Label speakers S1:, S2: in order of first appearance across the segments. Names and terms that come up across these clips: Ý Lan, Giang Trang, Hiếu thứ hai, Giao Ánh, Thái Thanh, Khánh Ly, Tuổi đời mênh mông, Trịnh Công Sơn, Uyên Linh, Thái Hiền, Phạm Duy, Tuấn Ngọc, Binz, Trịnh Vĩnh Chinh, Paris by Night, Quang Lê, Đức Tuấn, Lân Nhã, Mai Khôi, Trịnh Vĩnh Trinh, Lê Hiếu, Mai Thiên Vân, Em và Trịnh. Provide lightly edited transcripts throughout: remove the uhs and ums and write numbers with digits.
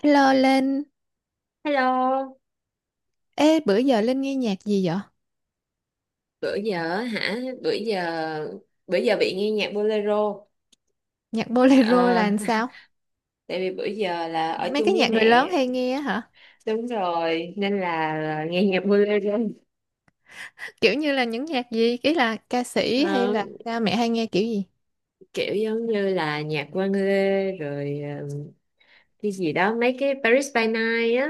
S1: Hello Linh,
S2: Hello,
S1: ê bữa giờ Linh nghe nhạc gì vậy?
S2: bữa giờ hả? bữa giờ bị nghe nhạc bolero.
S1: Nhạc bolero
S2: Ờ,
S1: là làm sao?
S2: Tại vì bữa giờ là ở
S1: Mấy
S2: chung
S1: cái
S2: với
S1: nhạc người lớn
S2: mẹ.
S1: hay nghe á hả?
S2: Đúng rồi, nên là nghe nhạc bolero.
S1: Kiểu như là những nhạc gì? Ý là ca sĩ hay
S2: Ờ,
S1: là cha mẹ hay nghe kiểu gì?
S2: Kiểu giống như là nhạc Quang Lê rồi cái gì đó, mấy cái Paris by Night á.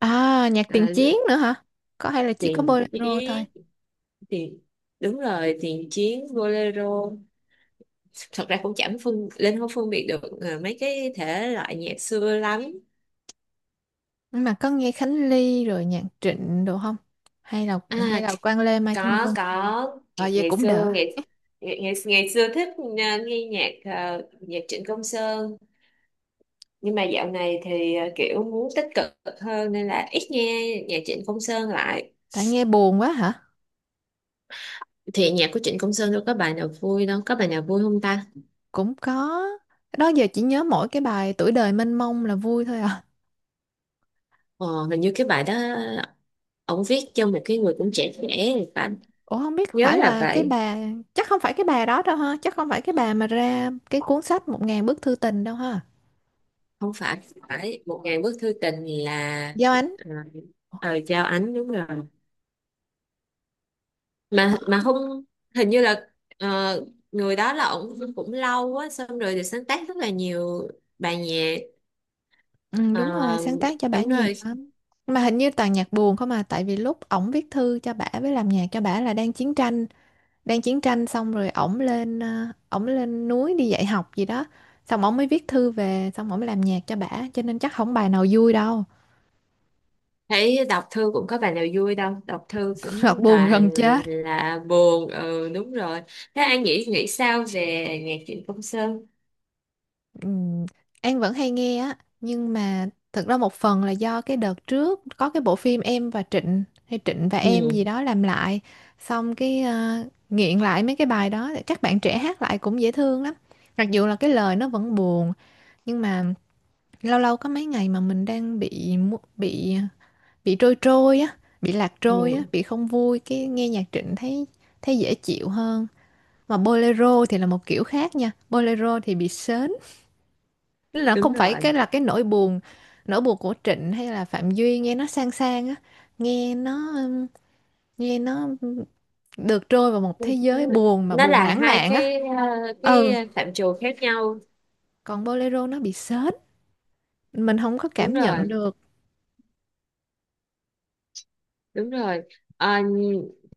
S1: À, nhạc
S2: Ờ,
S1: tiền chiến nữa hả? Có hay là chỉ có
S2: Tiền
S1: bolero thôi?
S2: chiến, tiền đúng rồi, tiền chiến bolero. Thật ra cũng chẳng phân lên không phân biệt được mấy cái thể loại nhạc xưa lắm.
S1: Nhưng mà có nghe Khánh Ly rồi nhạc Trịnh đồ không? Hay là hay
S2: À,
S1: là Quang Lê Mai Thiên
S2: có
S1: Vân?
S2: có ngày,
S1: Ờ vậy
S2: ngày
S1: cũng đỡ.
S2: xưa ngày, ngày ngày ngày xưa thích, nghe nhạc, nhạc Trịnh Công Sơn, nhưng mà dạo này thì kiểu muốn tích cực hơn nên là ít nghe nhạc Trịnh Công Sơn lại.
S1: Tại nghe buồn quá hả?
S2: Thì nhạc của Trịnh Công Sơn đâu có bài nào vui, đâu có bài nào vui không ta?
S1: Cũng có. Đó giờ chỉ nhớ mỗi cái bài Tuổi đời mênh mông là vui thôi à.
S2: Ờ, Hình như cái bài đó ông viết cho một cái người cũng trẻ trẻ thì phải,
S1: Ủa không biết
S2: nhớ
S1: phải
S2: là
S1: là cái
S2: vậy.
S1: bà, chắc không phải cái bà đó đâu ha, chắc không phải cái bà mà ra cái cuốn sách một ngàn bức thư tình đâu ha.
S2: Không phải phải một ngàn bức thư tình là,
S1: Giao Ánh.
S2: à, Giao Ánh đúng rồi. Mà không, hình như là, ờ, người đó là ổng cũng lâu quá, xong rồi thì sáng tác rất là nhiều bài nhạc.
S1: Ừ,
S2: Ờ,
S1: đúng rồi, sáng tác cho bả
S2: Đúng
S1: nhiều
S2: rồi.
S1: lắm, mà hình như toàn nhạc buồn không à, tại vì lúc ổng viết thư cho bả với làm nhạc cho bả là đang chiến tranh. Đang chiến tranh xong rồi ổng lên ổng lên núi đi dạy học gì đó, xong ổng mới viết thư về, xong ổng mới làm nhạc cho bả, cho nên chắc không bài nào vui đâu.
S2: Thấy đọc thư cũng có bài nào vui đâu, đọc thư
S1: Thật
S2: cũng
S1: buồn gần
S2: toàn
S1: chết.
S2: là buồn. Ừ, đúng rồi. Thế An nghĩ nghĩ sao về nhạc Trịnh Công Sơn?
S1: Ừm, An vẫn hay nghe á, nhưng mà thật ra một phần là do cái đợt trước có cái bộ phim Em và Trịnh hay Trịnh và Em
S2: Ừ.
S1: gì đó làm lại, xong cái nghiện lại mấy cái bài đó, các bạn trẻ hát lại cũng dễ thương lắm, mặc dù là cái lời nó vẫn buồn. Nhưng mà lâu lâu có mấy ngày mà mình đang bị bị trôi trôi á, bị lạc trôi á,
S2: Ừ,
S1: bị không vui cái nghe nhạc Trịnh thấy, thấy dễ chịu hơn. Mà bolero thì là một kiểu khác nha, bolero thì bị sến. Tức là
S2: đúng
S1: không phải cái
S2: rồi,
S1: là cái nỗi buồn, nỗi buồn của Trịnh hay là Phạm Duy nghe nó sang sang á, nghe nó ừm, nghe nó được trôi vào một thế giới buồn mà
S2: nó
S1: buồn
S2: là
S1: lãng
S2: hai
S1: mạn á.
S2: cái, cái
S1: Ừ,
S2: phạm trù khác nhau.
S1: còn bolero nó bị sến, mình không có
S2: Đúng
S1: cảm nhận
S2: rồi.
S1: được.
S2: Đúng rồi. Ờ,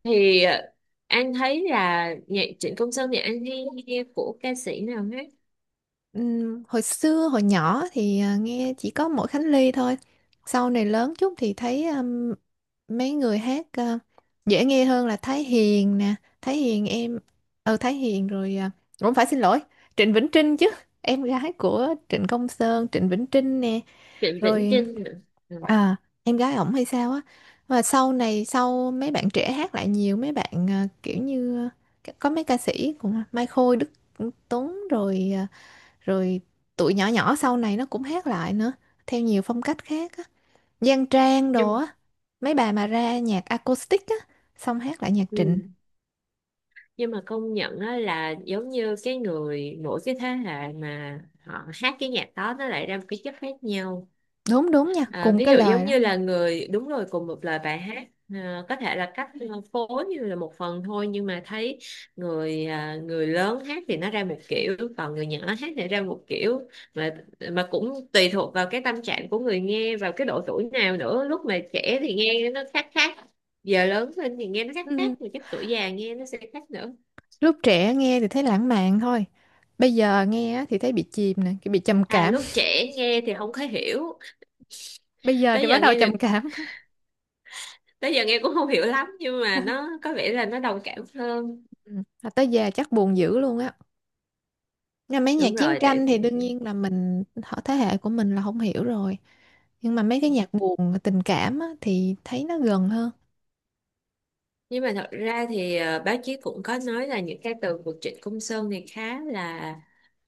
S2: thì anh thấy là nhạc Trịnh Công Sơn thì anh hay nghe của ca sĩ nào hết?
S1: Hồi xưa hồi nhỏ thì nghe chỉ có mỗi Khánh Ly thôi. Sau này lớn chút thì thấy mấy người hát dễ nghe hơn là Thái Hiền nè, Thái Hiền em ờ Thái Hiền rồi cũng phải xin lỗi, Trịnh Vĩnh Trinh chứ. Em gái của Trịnh Công Sơn, Trịnh Vĩnh Trinh nè,
S2: Trịnh Vĩnh
S1: rồi
S2: Chinh nữa. Ừ.
S1: à, em gái ổng hay sao á. Và sau này sau mấy bạn trẻ hát lại nhiều, mấy bạn kiểu như có mấy ca sĩ cũng Mai Khôi, Đức Tuấn rồi à, rồi tụi nhỏ nhỏ sau này nó cũng hát lại nữa theo nhiều phong cách khác á, Giang Trang đồ
S2: nhưng
S1: á, mấy bà mà ra nhạc acoustic á, xong hát lại nhạc Trịnh.
S2: ừ. Nhưng mà công nhận đó, là giống như cái người, mỗi cái thế hệ mà họ hát cái nhạc đó nó lại ra một cái chất khác nhau.
S1: Đúng đúng nha,
S2: À,
S1: cùng
S2: ví
S1: cái
S2: dụ
S1: lời
S2: giống
S1: đó.
S2: như là đúng rồi, cùng một lời bài hát, có thể là cách phối như là một phần thôi, nhưng mà thấy người lớn hát thì nó ra một kiểu, còn người nhỏ hát thì ra một kiểu. Mà cũng tùy thuộc vào cái tâm trạng của người nghe, vào cái độ tuổi nào nữa. Lúc mà trẻ thì nghe nó khác khác, giờ lớn lên thì nghe nó khác
S1: Ừ,
S2: khác, mà cái tuổi già nghe nó sẽ khác nữa.
S1: lúc trẻ nghe thì thấy lãng mạn thôi, bây giờ nghe á thì thấy bị chìm nè, cái bị trầm cảm.
S2: Lúc trẻ nghe thì không có hiểu,
S1: Bây giờ
S2: tới
S1: thì bắt
S2: giờ
S1: đầu
S2: nghe
S1: trầm
S2: được
S1: cảm.
S2: tới giờ nghe cũng không hiểu lắm, nhưng mà nó có vẻ là nó đồng cảm hơn.
S1: Ừ, mà tới già chắc buồn dữ luôn á, nhưng mấy nhạc
S2: Đúng
S1: chiến
S2: rồi, tại
S1: tranh thì
S2: vì
S1: đương nhiên là mình họ thế hệ của mình là không hiểu rồi, nhưng mà mấy cái nhạc buồn tình cảm á, thì thấy nó gần hơn.
S2: nhưng mà thật ra thì báo chí cũng có nói là những cái từ của Trịnh Công Sơn thì khá là,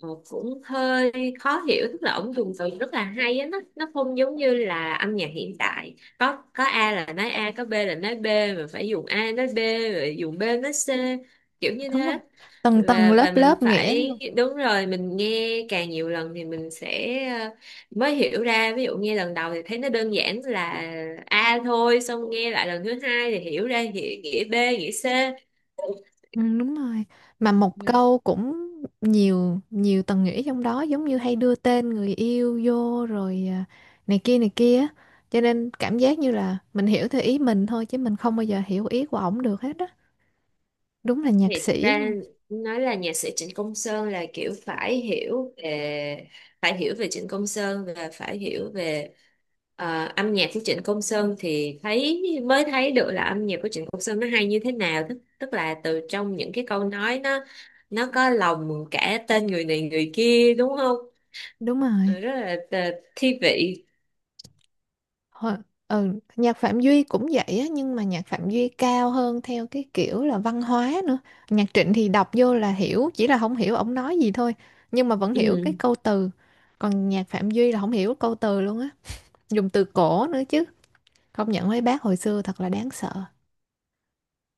S2: cũng hơi khó hiểu. Tức là ổng dùng từ rất là hay á, nó không giống như là âm nhạc hiện tại, có A là nói A, có B là nói B, mà phải dùng A nói B rồi dùng B nói C, kiểu như
S1: Đúng rồi,
S2: thế.
S1: tầng tầng
S2: và
S1: lớp
S2: và mình
S1: lớp nghĩa luôn.
S2: phải, đúng rồi, mình nghe càng nhiều lần thì mình sẽ, mới hiểu ra. Ví dụ nghe lần đầu thì thấy nó đơn giản là A thôi, xong nghe lại lần thứ hai thì hiểu ra nghĩa, B, nghĩa C.
S1: Ừ, đúng rồi, mà một
S2: Ừ.
S1: câu cũng nhiều nhiều tầng nghĩa trong đó, giống như hay đưa tên người yêu vô rồi này kia á. Cho nên cảm giác như là mình hiểu theo ý mình thôi, chứ mình không bao giờ hiểu ý của ổng được hết á. Đúng là nhạc
S2: Thiệt
S1: sĩ
S2: ra
S1: luôn.
S2: nói là nhạc sĩ Trịnh Công Sơn là kiểu phải hiểu về Trịnh Công Sơn, và phải hiểu về âm nhạc của Trịnh Công Sơn thì mới thấy được là âm nhạc của Trịnh Công Sơn nó hay như thế nào. Tức tức là từ trong những cái câu nói, nó có lòng cả tên người này người kia, đúng không?
S1: Đúng rồi.
S2: Ừ, rất là thi vị.
S1: Hồi- ừ, nhạc Phạm Duy cũng vậy á, nhưng mà nhạc Phạm Duy cao hơn theo cái kiểu là văn hóa nữa. Nhạc Trịnh thì đọc vô là hiểu, chỉ là không hiểu ổng nói gì thôi, nhưng mà vẫn
S2: Ừ,
S1: hiểu cái câu từ. Còn nhạc Phạm Duy là không hiểu câu từ luôn á, dùng từ cổ nữa chứ. Công nhận mấy bác hồi xưa thật là đáng sợ.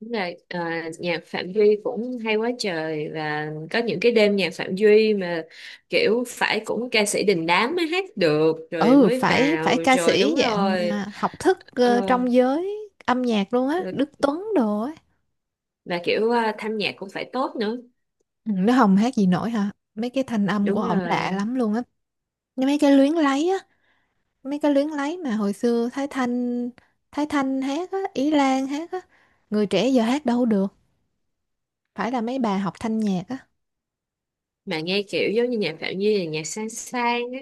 S2: đúng rồi. Ờ, Nhạc Phạm Duy cũng hay quá trời, và có những cái đêm nhạc Phạm Duy mà kiểu phải cũng ca sĩ đình đám mới hát được, rồi
S1: Ừ,
S2: mới
S1: phải phải
S2: vào,
S1: ca
S2: rồi
S1: sĩ
S2: đúng
S1: dạng
S2: rồi.
S1: học thức
S2: ờ,
S1: trong giới âm nhạc luôn á,
S2: rồi-
S1: Đức Tuấn đồ á.
S2: và kiểu thanh nhạc cũng phải tốt nữa,
S1: Ừ, nó không hát gì nổi hả? Mấy cái thanh âm của
S2: đúng
S1: ổng lạ
S2: rồi.
S1: lắm luôn á. Mấy cái luyến lấy á. Mấy cái luyến lấy mà hồi xưa Thái Thanh hát á, Ý Lan hát á, người trẻ giờ hát đâu được, phải là mấy bà học thanh nhạc á.
S2: Mà nghe kiểu giống như nhạc Phạm Duy là nhạc sang sang á.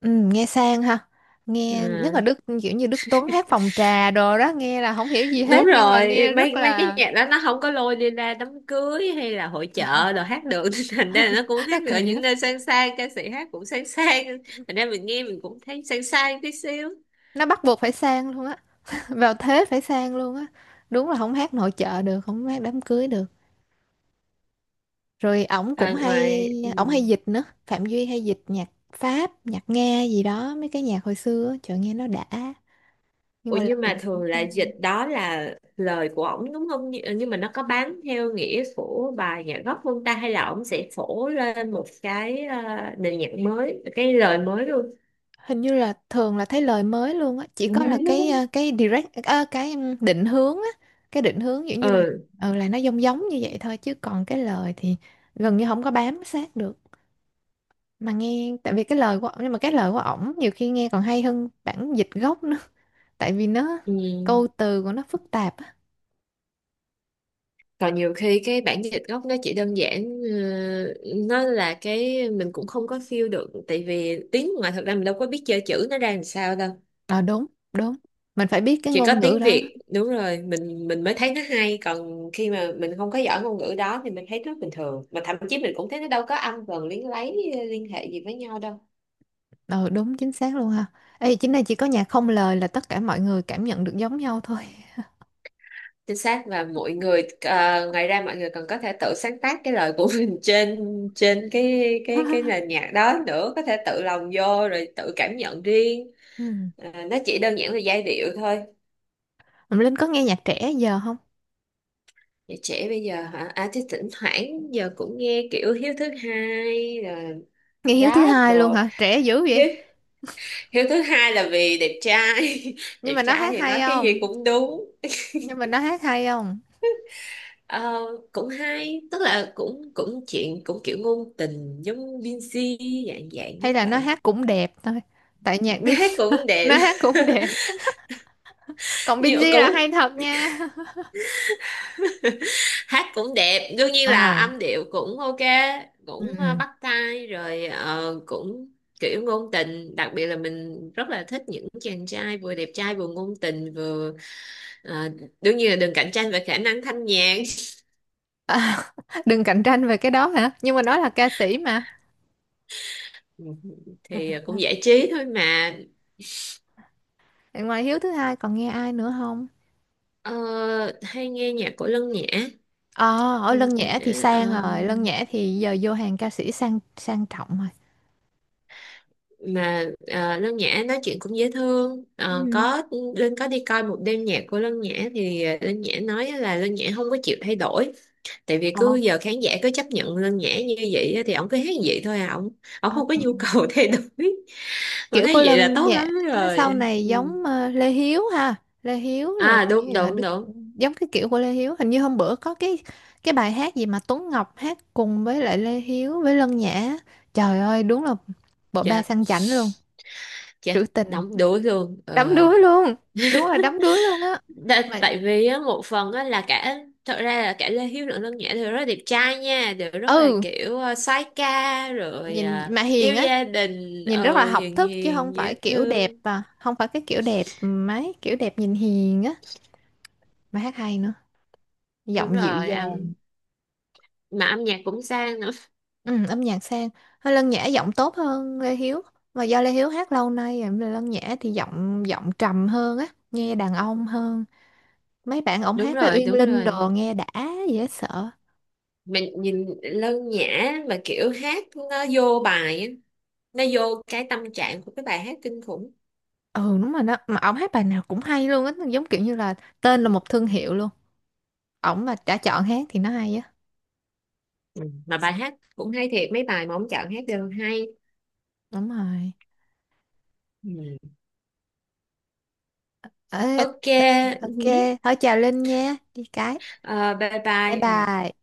S1: Ừ, nghe sang ha, nghe nhất
S2: Ờ.
S1: là Đức kiểu như Đức Tuấn hát phòng trà đồ đó, nghe là không hiểu gì
S2: Đúng
S1: hết nhưng mà
S2: rồi,
S1: nghe rất
S2: mấy mấy cái
S1: là.
S2: nhạc đó nó không có lôi đi ra đám cưới hay là hội chợ đồ hát được. Nên thành ra là nó cũng
S1: Nó
S2: hát được ở
S1: kỳ
S2: những
S1: á,
S2: nơi sang sang, ca sĩ hát cũng sang sang, thành ra mình nghe mình cũng thấy sang sang tí xíu.
S1: nó bắt buộc phải sang luôn á. Vào thế phải sang luôn á. Đúng là không hát nội trợ được, không hát đám cưới được, rồi ổng cũng
S2: À,
S1: hay,
S2: ngoài ừ.
S1: ổng hay dịch nữa, Phạm Duy hay dịch nhạc Pháp nhạc Nga gì đó, mấy cái nhạc hồi xưa á, trời nghe nó đã, nhưng
S2: Ủa,
S1: mà
S2: nhưng
S1: lời
S2: mà
S1: thì cũng
S2: thường là
S1: cao.
S2: dịch, đó là lời của ổng đúng không? Nhưng mà nó có bán theo nghĩa của bài nhạc gốc không ta, hay là ổng sẽ phổ lên một cái, nền nhạc mới, cái lời mới luôn?
S1: Hình như là thường là thấy lời mới luôn á, chỉ
S2: Ừ.
S1: có là cái cái direct cái định hướng á, cái định hướng kiểu như là,
S2: Ừ,
S1: ừ là nó giống giống như vậy thôi, chứ còn cái lời thì gần như không có bám sát được. Mà nghe tại vì cái lời của ổng, nhưng mà cái lời của ổng nhiều khi nghe còn hay hơn bản dịch gốc nữa, tại vì nó
S2: ừ.
S1: câu từ của nó phức tạp á.
S2: Còn nhiều khi cái bản dịch gốc nó chỉ đơn giản, nó là cái mình cũng không có feel được, tại vì tiếng ngoài thật ra mình đâu có biết chơi chữ nó ra làm sao đâu.
S1: Ờ đúng, đúng. Mình phải biết cái
S2: Chỉ có
S1: ngôn ngữ
S2: tiếng
S1: đó.
S2: Việt đúng rồi, mình mới thấy nó hay, còn khi mà mình không có giỏi ngôn ngữ đó thì mình thấy rất bình thường, mà thậm chí mình cũng thấy nó đâu có âm vần liên hệ gì với nhau đâu.
S1: Ờ đúng, chính xác luôn ha. Ê chính này chỉ có nhạc không lời là tất cả mọi người cảm nhận được giống nhau thôi.
S2: Chính xác. Và mọi người ngoài ra mọi người còn có thể tự sáng tác cái lời của mình trên, cái nền nhạc đó nữa, có thể tự lồng vô rồi tự cảm nhận riêng.
S1: Ừ.
S2: À, nó chỉ đơn giản là giai điệu thôi.
S1: Mà Linh có nghe nhạc trẻ giờ không?
S2: Vậy trẻ bây giờ hả? Chứ thỉnh thoảng giờ cũng nghe kiểu Hiếu Thứ Hai rồi,
S1: Nghe Hiếu thứ
S2: rap
S1: hai luôn
S2: đồ.
S1: hả? Trẻ dữ
S2: Hiếu,
S1: vậy.
S2: Hiếu Thứ Hai là vì đẹp trai,
S1: Nhưng mà
S2: đẹp
S1: nó
S2: trai
S1: hát
S2: thì nói
S1: hay
S2: cái gì
S1: không?
S2: cũng đúng.
S1: Nhưng mà nó hát hay không?
S2: Ờ, Cũng hay, tức là cũng cũng chuyện cũng kiểu ngôn tình giống Binz, dạng dạng
S1: Hay
S2: giống
S1: là nó
S2: vậy.
S1: hát cũng đẹp thôi. Tại nhạc
S2: Nó
S1: Bin.
S2: hát cũng đẹp.
S1: Nó hát cũng đẹp. Còn
S2: Nhưng
S1: Binz
S2: mà
S1: là hay
S2: cũng
S1: thật nha.
S2: hát cũng đẹp, đương nhiên là
S1: À.
S2: âm điệu cũng ok, cũng
S1: Ừ.
S2: bắt tai, rồi cũng kiểu ngôn tình. Đặc biệt là mình rất là thích những chàng trai vừa đẹp trai vừa ngôn tình vừa, ờ, đương nhiên là đừng cạnh tranh về khả năng thanh nhạc.
S1: À, đừng cạnh tranh về cái đó hả? Nhưng mà nó là ca sĩ mà.
S2: Ừ, thì cũng giải trí thôi mà.
S1: Ngoài Hiếu thứ hai còn nghe ai nữa không?
S2: Ờ, Hay nghe nhạc của Lân Nhã.
S1: Ờ, ở Lân
S2: Lân Nhã
S1: Nhã thì sang
S2: ờ,
S1: rồi, Lân Nhã thì giờ vô hàng ca sĩ sang sang trọng rồi.
S2: Lân Nhã nói chuyện cũng dễ thương. Ờ,
S1: Ừ.
S2: có. Linh có đi coi một đêm nhạc của Lân Nhã thì Linh Nhã nói là Lân Nhã không có chịu thay đổi, tại vì
S1: Ờ.
S2: cứ giờ khán giả cứ chấp nhận Lân Nhã như vậy á, thì ổng cứ hát như vậy thôi à, ổng ổng
S1: Ờ,
S2: không có nhu cầu thay đổi, mà
S1: kiểu
S2: thấy
S1: của
S2: vậy là
S1: Lân
S2: tốt
S1: Nhã
S2: lắm
S1: sau
S2: rồi.
S1: này
S2: Ừ.
S1: giống Lê Hiếu ha, Lê Hiếu rồi
S2: Đúng, đúng,
S1: Đức,
S2: đúng.
S1: giống cái kiểu của Lê Hiếu, hình như hôm bữa có cái bài hát gì mà Tuấn Ngọc hát cùng với lại Lê Hiếu với Lân Nhã. Trời ơi, đúng là bộ ba
S2: Chết,
S1: sang chảnh luôn,
S2: chết,
S1: trữ tình,
S2: đóng đuối luôn. Ừ.
S1: đắm đuối luôn. Đúng là đắm đuối luôn á. Mà
S2: Tại vì á, một phần á, là cả thật ra là cả Lê Hiếu lẫn Lân Nhã đều rất là đẹp trai nha, đều rất là
S1: ừ,
S2: kiểu soái ca, rồi
S1: nhìn mà
S2: yêu
S1: hiền á.
S2: gia đình,
S1: Nhìn rất là
S2: ừ,
S1: học
S2: hiền
S1: thức, chứ không
S2: hiền dễ
S1: phải kiểu đẹp,
S2: thương.
S1: à không phải cái kiểu đẹp, ừ, mấy kiểu đẹp nhìn hiền á, mà hát hay nữa,
S2: Đúng
S1: giọng dịu
S2: rồi.
S1: dàng.
S2: Âm nhạc cũng sang nữa.
S1: Ừ, âm nhạc sang, hơi Lân Nhã giọng tốt hơn Lê Hiếu, mà do Lê Hiếu hát lâu nay rồi, Lân Nhã thì giọng giọng trầm hơn á, nghe đàn ông hơn. Mấy bạn ổng
S2: Đúng
S1: hát với
S2: rồi,
S1: Uyên
S2: đúng
S1: Linh
S2: rồi.
S1: đồ nghe đã, dễ sợ.
S2: Mình nhìn Lân Nhã mà kiểu hát, nó vô bài á, nó vô cái tâm trạng của cái bài hát kinh khủng.
S1: Ừ đúng rồi đó, mà ổng hát bài nào cũng hay luôn á, giống kiểu như là tên là một thương hiệu luôn, ổng mà đã chọn hát thì nó hay á.
S2: Ừ. Mà bài hát cũng hay thiệt, mấy bài mà ông chọn hát đều hay.
S1: Đúng rồi.
S2: Ừ.
S1: Ờ,
S2: Ok.
S1: th-
S2: Ừ.
S1: ok thôi, chào Linh nha đi cái,
S2: Ờ, bye
S1: bye
S2: bye. Ừ.
S1: bye.